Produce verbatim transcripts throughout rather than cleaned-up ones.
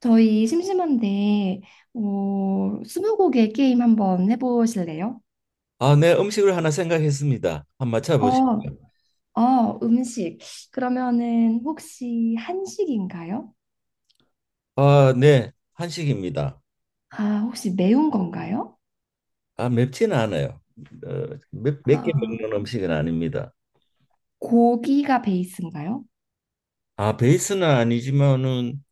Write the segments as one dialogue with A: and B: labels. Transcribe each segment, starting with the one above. A: 저희 심심한데, 어, 스무고개 게임 한번 해보실래요?
B: 아, 네, 음식을 하나 생각했습니다. 한번 맞춰보시죠.
A: 어, 어, 음식. 그러면은 혹시 한식인가요?
B: 아, 네, 한식입니다.
A: 아, 혹시 매운 건가요?
B: 아, 맵지는 않아요. 어, 몇, 몇 개
A: 아,
B: 먹는 음식은 아닙니다.
A: 고기가 베이스인가요?
B: 아, 베이스는 아니지만은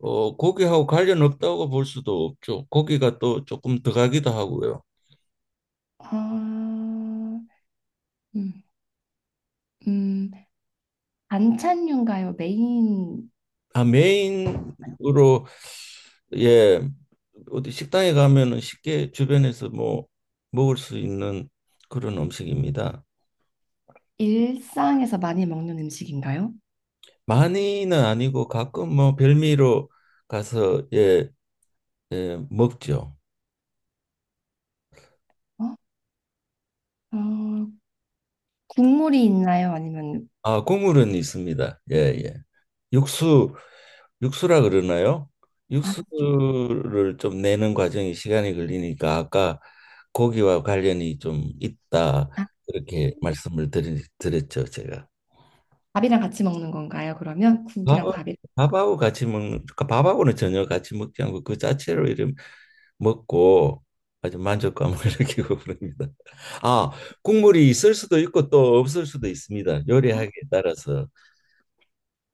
B: 어, 고기하고 관련 없다고 볼 수도 없죠. 고기가 또 조금 들어가기도 하고요.
A: 아, 음, 음, 반찬류인가요? 메인
B: 아, 메인으로 예, 어디 식당에 가면은 쉽게 주변에서 뭐 먹을 수 있는 그런 음식입니다.
A: 일상에서 많이 먹는 음식인가요?
B: 많이는 아니고 가끔 뭐 별미로 가서 예, 예 먹죠.
A: 어? 어, 국물이 있나요? 아니면
B: 아, 국물은 있습니다. 예, 예. 육수 육수라 그러나요?
A: 아, 죽-
B: 육수를 좀 내는 과정이 시간이 걸리니까 아까 고기와 관련이 좀 있다
A: 아,
B: 그렇게 말씀을 드리, 드렸죠, 제가.
A: 밥이랑 같이 먹는 건가요? 그러면 국이랑
B: 밥하-
A: 밥이
B: 밥하고 같이 먹는, 그러니까 밥하고는 전혀 같이 먹지 않고 그 자체로 이런 먹고 아주 만족감을 느끼고 그럽니다. 아, 국물이 있을 수도 있고 또 없을 수도 있습니다. 요리하기에 따라서.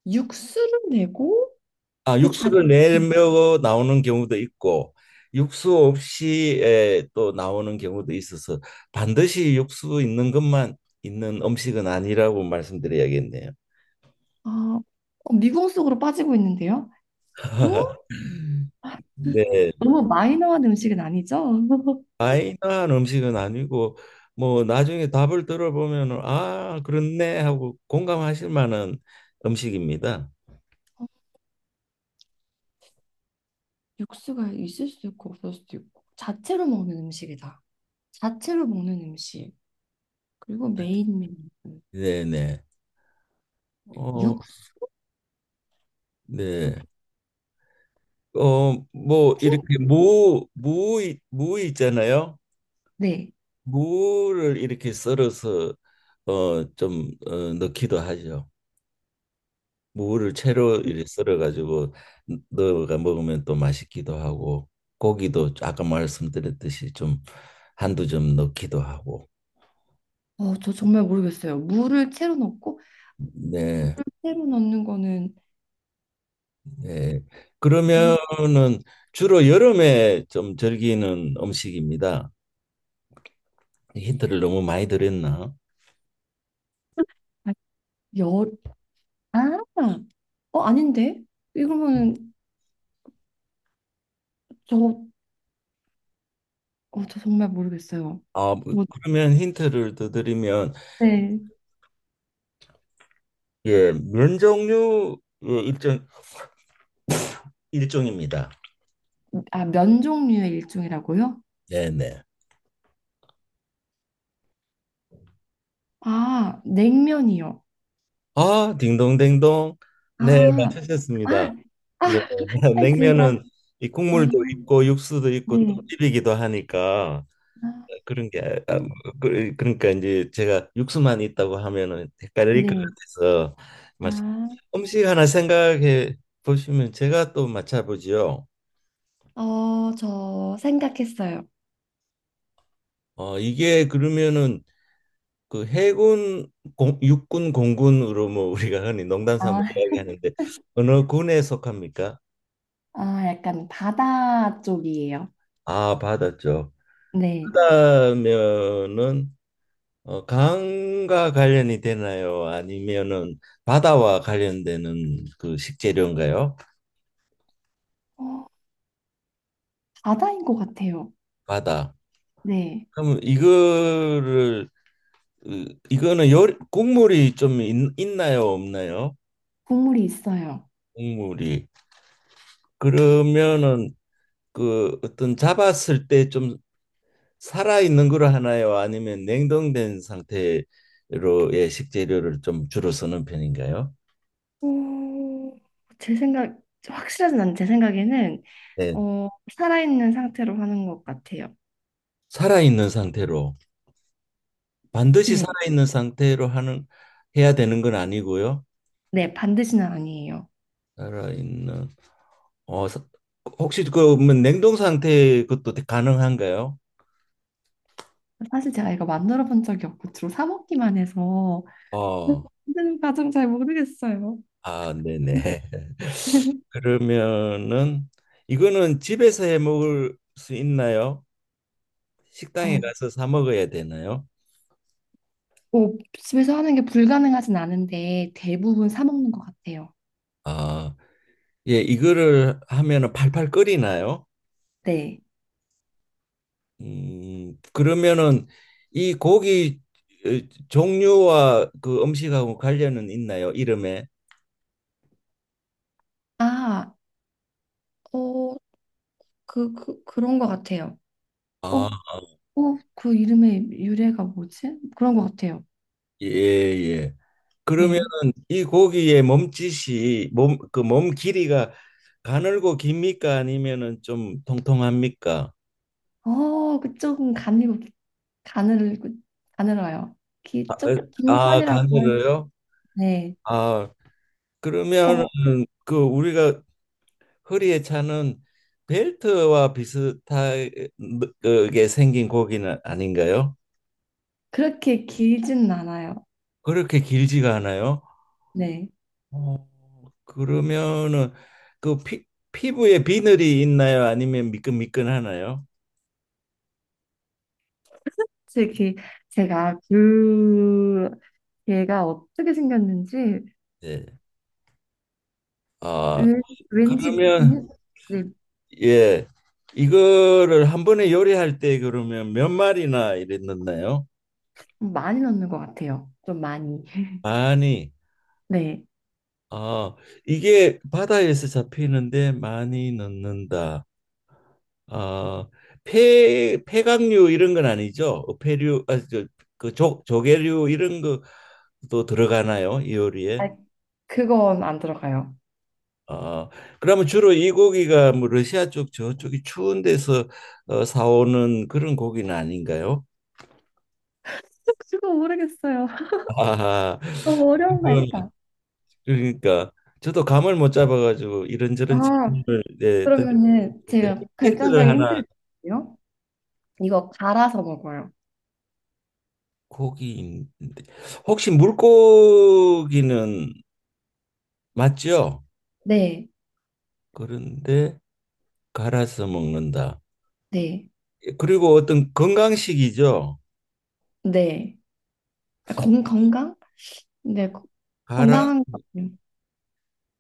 A: 육수를 내고
B: 아,
A: 그 자,
B: 육수를 내며 나오는 경우도 있고 육수 없이 에, 또 나오는 경우도 있어서 반드시 육수 있는 것만 있는 음식은 아니라고 말씀드려야겠네요.
A: 아, 어, 미궁 속으로 빠지고 있는데요. 응?
B: 네,
A: 너무 마이너한 음식은 아니죠?
B: 마이너한 음식은 아니고 뭐 나중에 답을 들어보면 아, 그렇네 하고 공감하실 만한 음식입니다.
A: 육수가 있을 수도 있고 없을 수도 있고 자체로 먹는 음식이다. 자체로 먹는 음식 그리고 메인 메뉴
B: 네네. 어,
A: 육수
B: 네. 어, 뭐
A: 힌-
B: 이렇게 무, 무, 무 있잖아요.
A: 네.
B: 무를 이렇게 썰어서 어, 좀 어, 넣기도 하죠. 무를 채로 이렇게 썰어가지고 넣어가 먹으면 또 맛있기도 하고 고기도 아까 말씀드렸듯이 좀 한두 점 넣기도 하고.
A: 어, 저 정말 모르겠어요. 물을 채로 넣고
B: 네,
A: 채로 넣는 거는
B: 네.
A: 물,
B: 그러면은 주로 여름에 좀 즐기는 음식입니다. 힌트를 너무 많이 드렸나?
A: 아, 열, 아, 어, 아닌데? 이거는 저, 어, 저 정말 모르겠어요.
B: 아, 뭐,
A: 뭐,
B: 그러면 힌트를 더 드리면
A: 네.
B: 예, 면 종류 예, 일종 일종입니다.
A: 아, 면 종류의 일종이라고요?
B: 네, 네.
A: 아, 냉면이요.
B: 아, 딩동댕동. 네,
A: 아,
B: 맞추셨습니다.
A: 아,
B: 네,
A: 아, 제가,
B: 냉면은 이
A: 아,
B: 국물도 있고 육수도 있고 또
A: 네.
B: 비비기도 하니까
A: 아,
B: 그런 게 아, 뭐, 그- 그러니까 이제 제가 육수만 있다고 하면은 헷갈릴 것
A: 네.
B: 같아서 맞
A: 아,
B: 음식 하나 생각해 보시면 제가 또 맞춰보지요.
A: 어, 저 생각했어요.
B: 어, 이게 그러면은 그 해군, 공, 육군, 공군으로 뭐 우리가 흔히 농담 삼아
A: 아,
B: 이야기하는데 어느 군에 속합니까?
A: 아, 약간 바다 쪽이에요.
B: 아, 받았죠.
A: 네.
B: 그러면은 어, 강과 관련이 되나요? 아니면은 바다와 관련되는 그 식재료인가요?
A: 어, 바다인 것 같아요.
B: 바다.
A: 네.
B: 그럼 이거를 으, 이거는 요 국물이 좀 있, 있나요? 없나요?
A: 국물이 있어요.
B: 국물이. 그러면은 그 어떤 잡았을 때좀 살아 있는 걸 하나요? 아니면 냉동된 상태로의 식재료를 좀 주로 쓰는 편인가요?
A: 오, 제 생각, 확실하진 않은데 제 생각에는
B: 네.
A: 어, 살아있는 상태로 하는 것 같아요.
B: 살아 있는 상태로 반드시
A: 네,
B: 살아 있는 상태로 하는 해야 되는 건 아니고요.
A: 네, 반드시는 아니에요.
B: 살아 있는 어 사- 혹시 그뭐 냉동 상태 그것도 가능한가요?
A: 사실 제가 이거 만들어 본 적이 없고 주로 사 먹기만 해서
B: 어.
A: 만드는 과정 잘 모르겠어요.
B: 아, 네네. 그러면은 이거는 집에서 해 먹을 수 있나요? 식당에
A: 어,
B: 가서 사 먹어야 되나요?
A: 뭐 집에서 하는 게 불가능하진 않은데 대부분 사 먹는 것 같아요.
B: 아. 예, 이거를 하면은 팔팔 끓이나요?
A: 네.
B: 음, 그러면은 이 고기 어, 종류와 그 음식하고 관련은 있나요? 이름에?
A: 아, 어, 그, 그, 그런 것 같아요. 어,
B: 아,
A: 어, 그 이름의 유래가 뭐지? 그런 것 같아요.
B: 예, 예. 그러면은
A: 네.
B: 이 고기의 몸짓이 몸, 그 몸 길이가 가늘고 깁니까? 아니면은 좀 통통합니까?
A: 어, 그쪽은 가늘고 가늘, 가늘어요.
B: 아,
A: 기, 쪽, 긴
B: 아,
A: 편이라고 할,
B: 가늘어요?
A: 네.
B: 아, 그러면은
A: 어,
B: 그 우리가 허리에 차는 벨트와 비슷하게 생긴 고기는 아닌가요?
A: 그렇게 길진 않아요.
B: 그렇게 길지가 않아요?
A: 네.
B: 어, 그러면은 그 피, 피부에 비늘이 있나요? 아니면 미끈미끈하나요?
A: 솔직히 제가 그 얘가 어떻게 생겼는지
B: 예. 아,
A: 왠- 왠지
B: 그러면
A: 비누- 네,
B: 예. 이거를 한 번에 요리할 때 그러면 몇 마리나 이래 넣나요?
A: 많이 넣는 것 같아요. 좀 많이.
B: 많이.
A: 네.
B: 아, 이게 바다에서 잡히는데 많이 넣는다. 아, 폐 폐각류 이런 건 아니죠? 폐류 아, 저, 그 조, 조개류 이런 것도 들어가나요? 이 요리에?
A: 아, 그건 안 들어가요.
B: 아, 그러면 주로 이 고기가 뭐 러시아 쪽 저쪽이 추운 데서 어, 사오는 그런 고기는 아닌가요?
A: 그거 모르겠어요.
B: 아하.
A: 너무 어려운 거
B: 그건
A: 했다.
B: 그러니까 저도 감을 못 잡아가지고
A: 아,
B: 이런저런 질문을 네, 던데
A: 그러면은 제가
B: 힌트를
A: 결정적인
B: 하나
A: 힌트를 드릴게요. 이거 갈아서 먹어요.
B: 고기인데 혹시 물고기는 맞죠?
A: 네,
B: 그런데 갈아서 먹는다.
A: 네,
B: 예, 그리고 어떤 건강식이죠.
A: 네. 아, 건, 건강? 네, 거-
B: 갈아
A: 건강한 거.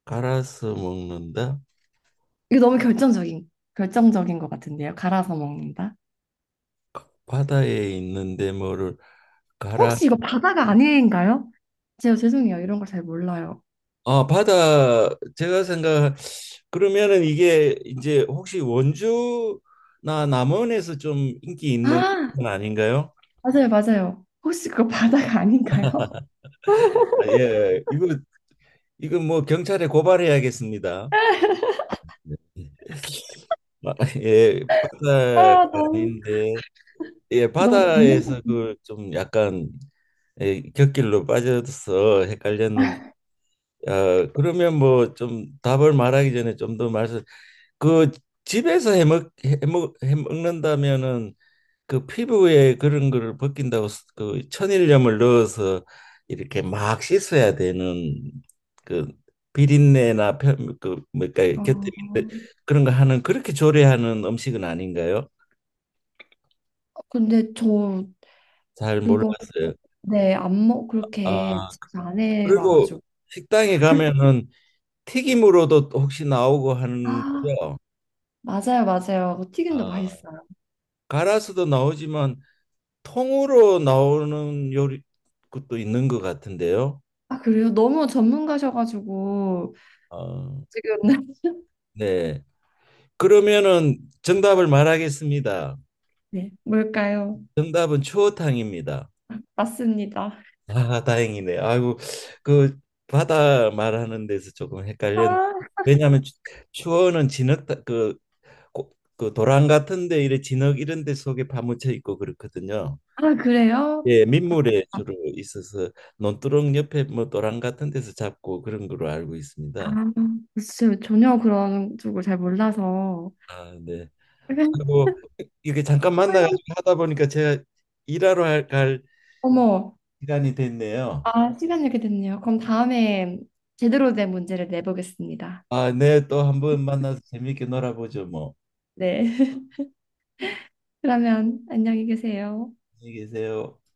B: 갈아서 먹는다.
A: 이게 너무 결정적인, 결정적인 것 같은데요. 갈아서 먹는다.
B: 바다에 있는데 뭐를 갈아
A: 혹시 이거 바다가 아닌가요? 제가 죄송해요. 이런 걸 잘 몰라요.
B: 아 바다 제가 생각 그러면은 이게 이제 혹시 원주나 남원에서 좀 인기 있는
A: 아,
B: 건 아닌가요?
A: 맞아요, 맞아요. 혹시 그거 바다가 아닌가요?
B: 아, 예 예. 이거 이거 뭐 경찰에 고발해야겠습니다. 아, 예 바다가
A: 아, 너무,
B: 아닌데 예,
A: 너무 잡는다.
B: 바다에서 그 좀 약간 예, 곁길로 빠져서 헷갈렸는데 아, 그러면 뭐 좀 답을 말하기 전에 좀 더 말씀 그 집에서 해먹 해먹 해먹는다면은 그 피부에 그런 거를 벗긴다고 스- 그 천일염을 넣어서 이렇게 막 씻어야 되는 그 비린내나 편, 그 뭐랄까
A: 아,
B: 곁에 있는 그런 거 하는 그렇게 조리하는 음식은 아닌가요?
A: 근데 저
B: 잘
A: 그거,
B: 몰랐어요.
A: 네, 안 먹,
B: 아
A: 그렇게 집에 안
B: 그리고
A: 해와가지고.
B: 식당에 가면은 튀김으로도 혹시 나오고 하는
A: 아, 맞아요, 맞아요. 그거 튀김도
B: 아.
A: 맛있어요.
B: 갈아서도 나오지만 통으로 나오는 요리 것도 있는 것 같은데요.
A: 아, 그래요? 너무 전문가셔가지고,
B: 어,
A: 지금,
B: 네. 그러면은 정답을 말하겠습니다.
A: 네, 뭘까요?
B: 정답은 추어탕입니다.
A: 맞습니다.
B: 아, 다행이네. 아이고, 그 바다 말하는 데서 조금 헷갈렸는데
A: 아
B: 왜냐하면 추- 추어는 진흙 그, 고- 그 도랑 같은데 이래 진흙 이런 데 속에 파묻혀 있고 그렇거든요.
A: 아, 그래요?
B: 예, 민물에 주로 있어서 논두렁 옆에 뭐 도랑 같은 데서 잡고 그런 걸로 알고
A: 아,
B: 있습니다.
A: 글쎄요. 전혀 그런 쪽을 잘 몰라서.
B: 아, 네.
A: 그냥
B: 그리고 이게 잠깐 만나가지고
A: 훌륭-
B: 하다 보니까 제가 일하러 할- 갈
A: 어머,
B: 시간이 됐네요.
A: 아, 시간 이렇게 됐네요. 그럼 다음에 제대로 된 문제를 내보겠습니다.
B: 아, 네, 또 한번 만나서 재밌게 놀아보죠, 뭐.
A: 네. 그러면 안녕히 계세요.
B: 안녕히 계세요.